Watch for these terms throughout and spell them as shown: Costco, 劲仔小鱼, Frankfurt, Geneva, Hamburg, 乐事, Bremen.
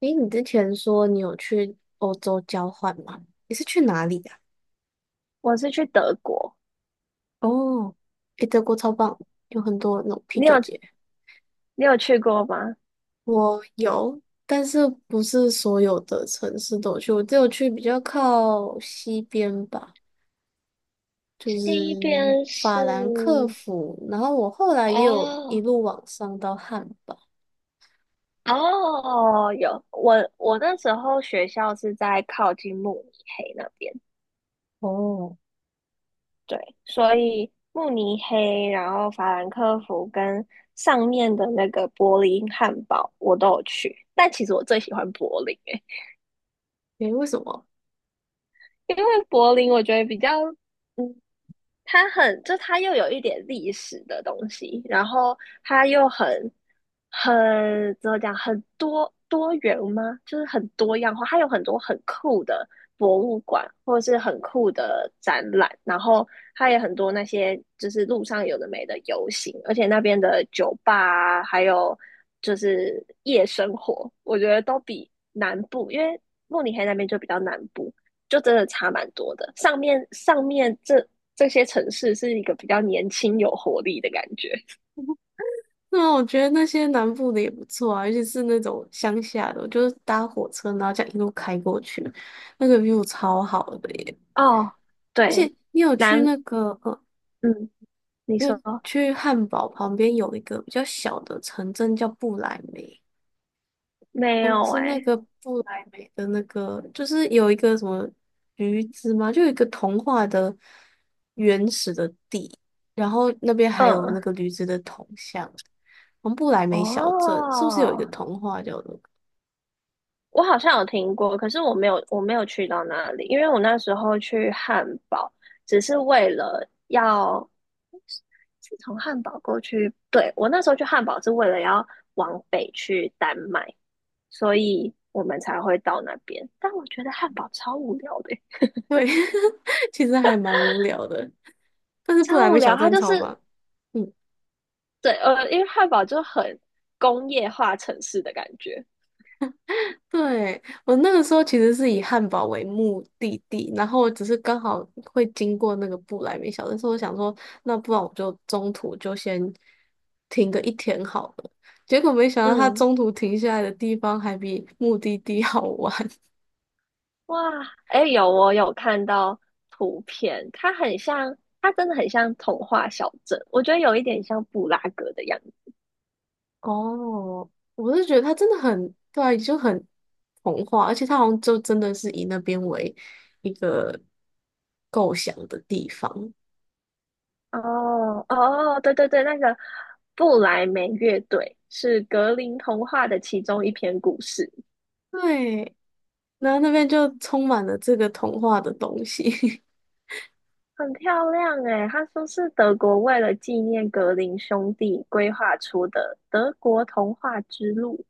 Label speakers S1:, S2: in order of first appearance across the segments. S1: 诶，你之前说你有去欧洲交换吗？你是去哪里呀、
S2: 我是去德国，
S1: 哦，诶，德国超棒，有很多那种啤
S2: 你有
S1: 酒节。
S2: 你有去过吗？
S1: 我有，但是不是所有的城市都有去，我只有去比较靠西边吧，就
S2: 西
S1: 是
S2: 边是
S1: 法兰克福。然后我后来也有一
S2: 哦
S1: 路往上到汉堡。
S2: 哦，我那时候学校是在靠近慕尼黑那边，
S1: 哦，
S2: 对，所以慕尼黑，然后法兰克福跟上面的那个柏林汉堡我都有去，但其实我最喜欢柏林诶、
S1: 诶，为什么？
S2: 因为柏林我觉得比较嗯它很，就它又有一点历史的东西，然后它又很怎么讲，很多多元吗？就是很多样化，它有很多很酷的博物馆，或者是很酷的展览，然后它也很多那些就是路上有的没的游行，而且那边的酒吧啊还有就是夜生活，我觉得都比南部，因为慕尼黑那边就比较南部。就真的差蛮多的。上面这些城市是一个比较年轻、有活力的感觉。
S1: 那我觉得那些南部的也不错啊，尤其是那种乡下的，我就是搭火车，然后这样一路开过去，那个 view 超好的耶！
S2: 哦，
S1: 而
S2: 对，
S1: 且你有去
S2: 南，
S1: 那个，呃，
S2: 嗯，你
S1: 你有
S2: 说
S1: 去汉堡旁边有一个比较小的城镇叫布莱梅，
S2: 没
S1: 嗯，
S2: 有
S1: 是那
S2: 哎、
S1: 个布莱梅的那个，就是有一个什么驴子吗？就有一个童话的原始的地，然后那边还有
S2: 嗯，
S1: 那个驴子的铜像，我们布莱梅小镇是不是有一个
S2: 哦，
S1: 童话叫做？
S2: 我好像有听过，可是我没有，我没有去到那里，因为我那时候去汉堡，只是为了要，是从汉堡过去，对，我那时候去汉堡是为了要往北去丹麦，所以我们才会到那边。但我觉得汉堡超无聊的，
S1: 对，其实还蛮无聊的，但是布
S2: 超
S1: 莱
S2: 无
S1: 梅小
S2: 聊。它
S1: 镇
S2: 就
S1: 超
S2: 是
S1: 棒。嗯
S2: 对，因为汉堡就很工业化城市的感觉。
S1: 对，我那个时候其实是以汉堡为目的地，然后只是刚好会经过那个布莱梅小镇，所以我想说，那不然我就中途就先停个一天好了。结果没想到它
S2: 嗯，
S1: 中途停下来的地方还比目的地 好玩。
S2: 哇，哎，有我有看到图片，它很像，它真的很像童话小镇，我觉得有一点像布拉格的样子。
S1: 哦，我是觉得它真的很，对啊就很童话，而且它好像就真的是以那边为一个构想的地方。
S2: 哦哦，对对对，那个布莱梅乐队是格林童话的其中一篇故事，
S1: 对，然后那边就充满了这个童话的东西，
S2: 很漂亮诶。他说是德国为了纪念格林兄弟规划出的德国童话之路。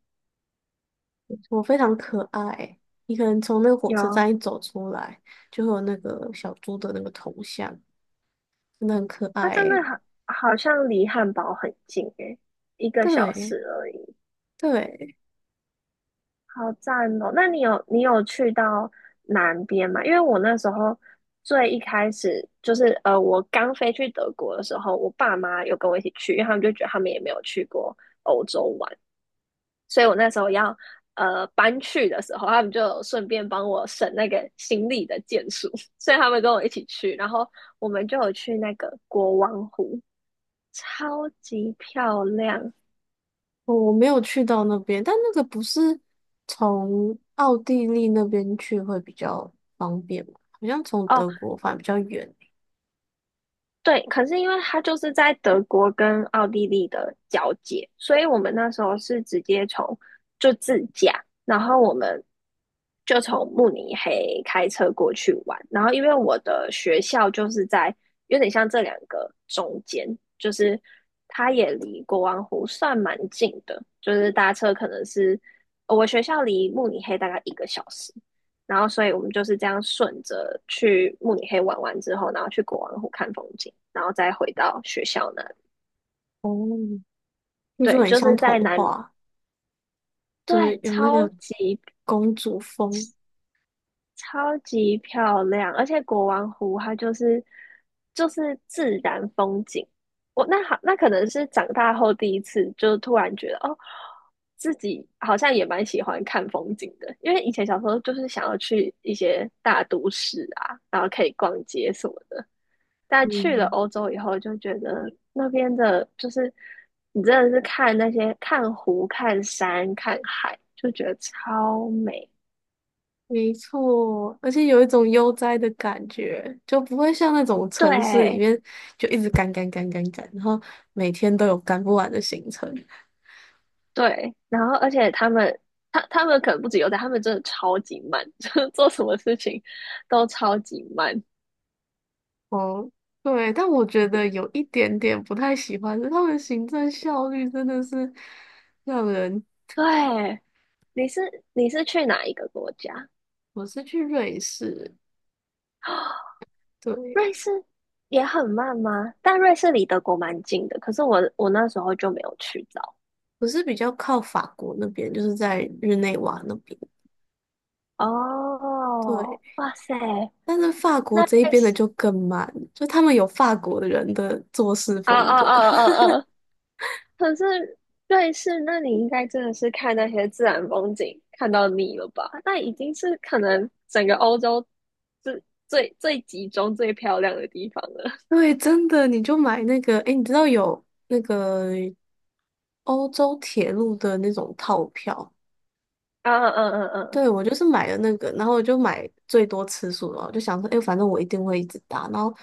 S1: 我非常可爱。你可能从那个火车
S2: 有
S1: 站一走出来，就会有那个小猪的那个头像，真的很可
S2: 它
S1: 爱
S2: 真的
S1: 欸
S2: 好，好像离汉堡很近诶，一个小时
S1: 对
S2: 而已，
S1: 对，
S2: 好赞哦！那你有去到南边吗？因为我那时候最一开始就是我刚飞去德国的时候，我爸妈有跟我一起去，因为他们就觉得他们也没有去过欧洲玩，所以我那时候要搬去的时候，他们就有顺便帮我省那个行李的件数，所以他们跟我一起去，然后我们就有去那个国王湖。超级漂亮
S1: 我没有去到那边，但那个不是从奥地利那边去会比较方便吗？好像从
S2: 哦，
S1: 德国反而比较远欸
S2: 对，可是因为它就是在德国跟奥地利的交界，所以我们那时候是直接从就自驾，然后我们就从慕尼黑开车过去玩，然后因为我的学校就是在有点像这两个中间，就是它也离国王湖算蛮近的，就是搭车可能是我学校离慕尼黑大概一个小时，然后所以我们就是这样顺着去慕尼黑玩完之后，然后去国王湖看风景，然后再回到学校那里。
S1: 哦，听说
S2: 对，
S1: 很
S2: 就
S1: 像
S2: 是
S1: 童
S2: 在南，
S1: 话，就是
S2: 对，
S1: 有那
S2: 超
S1: 个
S2: 级
S1: 公主风。
S2: 超级漂亮，而且国王湖它就是就是自然风景。我那好，那可能是长大后第一次，就突然觉得哦，自己好像也蛮喜欢看风景的，因为以前小时候就是想要去一些大都市啊，然后可以逛街什么的。但去了
S1: 嗯。
S2: 欧洲以后，就觉得那边的，就是你真的是看那些看湖、看山、看海，就觉得超美。
S1: 没错，而且有一种悠哉的感觉，就不会像那种城市里
S2: 对
S1: 面就一直赶赶赶赶赶，然后每天都有赶不完的行程。
S2: 对，然后而且他们，他们可能不止有点，他们真的超级慢，就是做什么事情都超级慢。
S1: 哦，对，但我觉得有一点点不太喜欢的，他们行政效率真的是让人。
S2: 对，你是你是去哪一个国家？
S1: 我是去瑞士，对，
S2: 瑞士也很慢吗？但瑞士离德国蛮近的，可是我那时候就没有去到。
S1: 我是比较靠法国那边，就是在日内瓦那边。对，
S2: 哦，哇塞，
S1: 但是法国
S2: 那
S1: 这一
S2: 瑞
S1: 边的
S2: 士，
S1: 就更慢，就他们有法国人的做事
S2: 啊
S1: 风
S2: 啊
S1: 格。
S2: 啊啊 啊！可是瑞士，那你应该真的是看那些自然风景看到腻了吧？那已经是可能整个欧洲最最最集中、最漂亮的地方了。
S1: 对，真的，你就买那个，哎，你知道有那个欧洲铁路的那种套票，
S2: 啊嗯嗯嗯
S1: 对，我就是买了那个，然后我就买最多次数了，我就想说，哎，反正我一定会一直搭。然后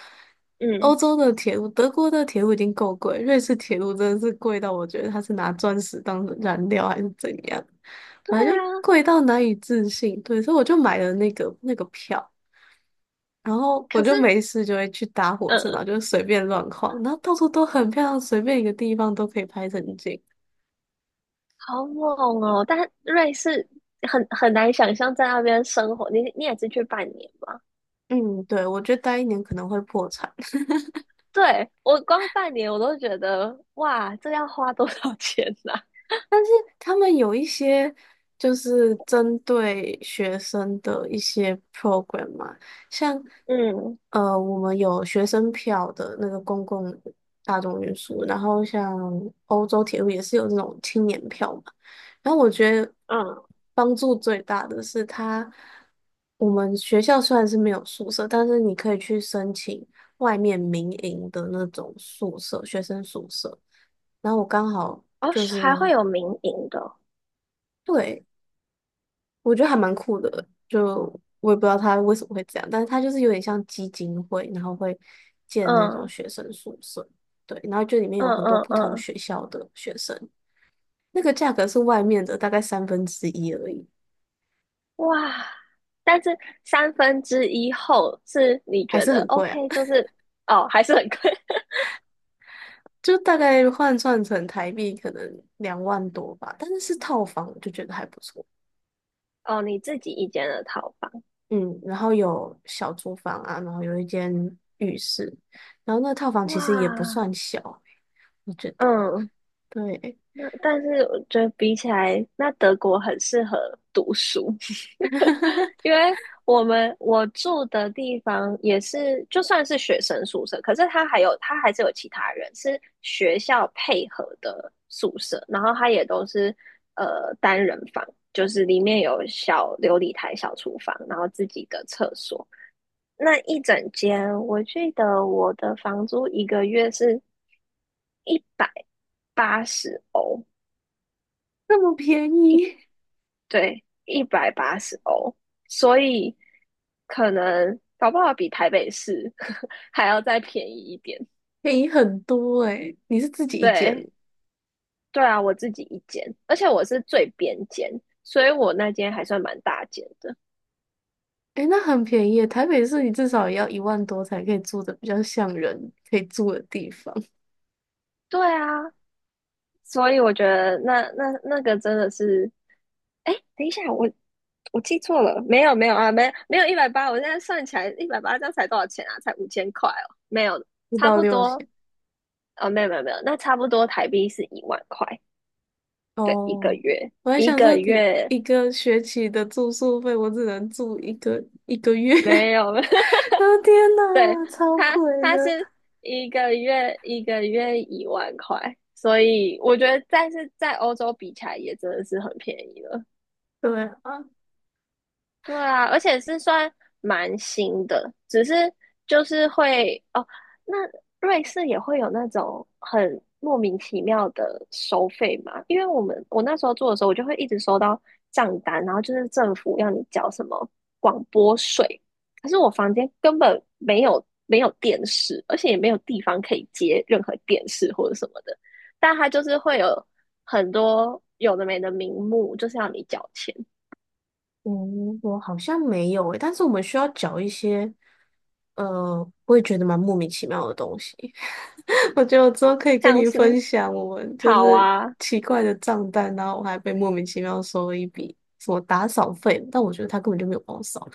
S2: 嗯，
S1: 欧
S2: 嗯
S1: 洲的铁路，德国的铁路已经够贵，瑞士铁路真的是贵到我觉得它是拿钻石当燃料还是怎样，
S2: 对
S1: 反正就
S2: 啊。
S1: 贵到难以置信。对，所以我就买了那个票。然后我
S2: 可
S1: 就
S2: 是，
S1: 没事就会去搭火车，然
S2: 嗯，
S1: 后就随便乱晃，然后到处都很漂亮，随便一个地方都可以拍成景。
S2: 好猛哦！但瑞士很难想象在那边生活，你也是去半年吗？
S1: 嗯，对，我觉得待一年可能会破产。
S2: 对，我光半年我都觉得哇，这要花多少 钱呐、
S1: 他们有一些就是针对学生的一些 program 嘛，像
S2: 嗯
S1: 我们有学生票的那个公共大众运输，然后像欧洲铁路也是有这种青年票嘛。然后我觉得
S2: 嗯，
S1: 帮助最大的是它，我们学校虽然是没有宿舍，但是你可以去申请外面民营的那种宿舍，学生宿舍。然后我刚好
S2: 哦，
S1: 就
S2: 是
S1: 是。
S2: 还会有民营的哦
S1: 对。我觉得还蛮酷的，就我也不知道他为什么会这样，但是他就是有点像基金会，然后会建那种
S2: 嗯
S1: 学生宿舍，对，然后就里面
S2: 嗯
S1: 有很多
S2: 嗯
S1: 不同
S2: 嗯，
S1: 学校的学生，那个价格是外面的大概三分之一而已，
S2: 哇！但是三分之一后是你
S1: 还
S2: 觉
S1: 是
S2: 得
S1: 很贵啊，
S2: OK，就 是哦，还是很贵
S1: 就大概换算成台币可能2万多吧，但是是套房，我就觉得还不错，
S2: 哦，你自己一间的套房，
S1: 嗯，然后有小厨房啊，然后有一间浴室，然后那个套房其实也不
S2: 哇！
S1: 算小，我觉得，
S2: 嗯，
S1: 对。
S2: 那但是我觉得比起来，那德国很适合读书，因为我住的地方也是，就算是学生宿舍，可是他还是有其他人是学校配合的宿舍，然后他也都是单人房，就是里面有小琉璃台、小厨房，然后自己的厕所。那一整间，我记得我的房租一个月是一百八十欧。
S1: 那么便宜，
S2: 对，一百八十欧，所以可能搞不好比台北市 还要再便宜一点。
S1: 便宜很多诶、你是自己一间，
S2: 对，对啊，我自己一间，而且我是最边间，所以我那间还算蛮大间的。
S1: 诶、那很便宜耶台北市你至少也要1万多才可以住的比较像人可以住的地方，
S2: 对啊，所以我觉得那个真的是，哎，等一下，我记错了，没有没有啊，没有一百八，我现在算起来一百八，这样才多少钱啊？才5000块哦，没有，
S1: 不
S2: 差
S1: 到
S2: 不
S1: 六
S2: 多，
S1: 千
S2: 啊，没有没有没有，那差不多台币是一万块。对，一个
S1: 哦。
S2: 月，
S1: 我还
S2: 一
S1: 想说
S2: 个
S1: 你
S2: 月
S1: 一个学期的住宿费，我只能住一个月。
S2: 没 有哈，
S1: 啊天
S2: 对，
S1: 呐，超
S2: 他
S1: 贵
S2: 他是
S1: 的。
S2: 一个月一万块，所以我觉得，但是在欧洲比起来也真的是很便宜了。
S1: 对啊，
S2: 对啊，而且是算蛮新的，只是就是会哦，那瑞士也会有那种很莫名其妙的收费嘛？因为我那时候做的时候，我就会一直收到账单，然后就是政府要你缴什么广播税，可是我房间根本没有电视，而且也没有地方可以接任何电视或者什么的，但它就是会有很多有的没的名目，就是要你缴钱。
S1: 嗯，我好像没有诶、但是我们需要缴一些，我也觉得蛮莫名其妙的东西。我觉得我之后可以跟
S2: 像
S1: 你分
S2: 是
S1: 享我们就
S2: 好
S1: 是
S2: 啊，
S1: 奇怪的账单，然后我还被莫名其妙收了一笔什么打扫费，但我觉得他根本就没有帮我扫。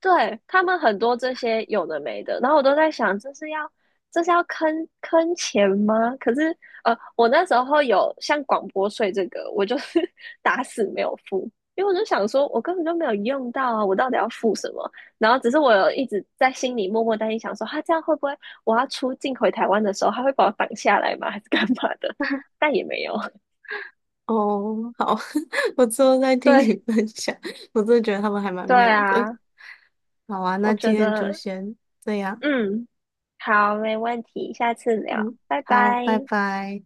S2: 对，他们很多这些有的没的，然后我都在想，这是要坑钱吗？可是我那时候有像广播税这个，我就是 打死没有付，因为我就想说，我根本就没有用到啊，我到底要付什么？然后只是我有一直在心里默默担心，想说，他、这样会不会我要出境回台湾的时候，他会把我挡下来吗？还是干嘛的？但也没有。
S1: 哦，好，我之后再听你
S2: 对
S1: 分享。我真的觉得他们还蛮
S2: 对
S1: 妙的。
S2: 啊，
S1: 好啊，
S2: 我
S1: 那今
S2: 觉
S1: 天就
S2: 得，
S1: 先这样。
S2: 嗯。好，没问题，下次聊，
S1: 嗯，
S2: 拜
S1: 好，拜
S2: 拜。
S1: 拜。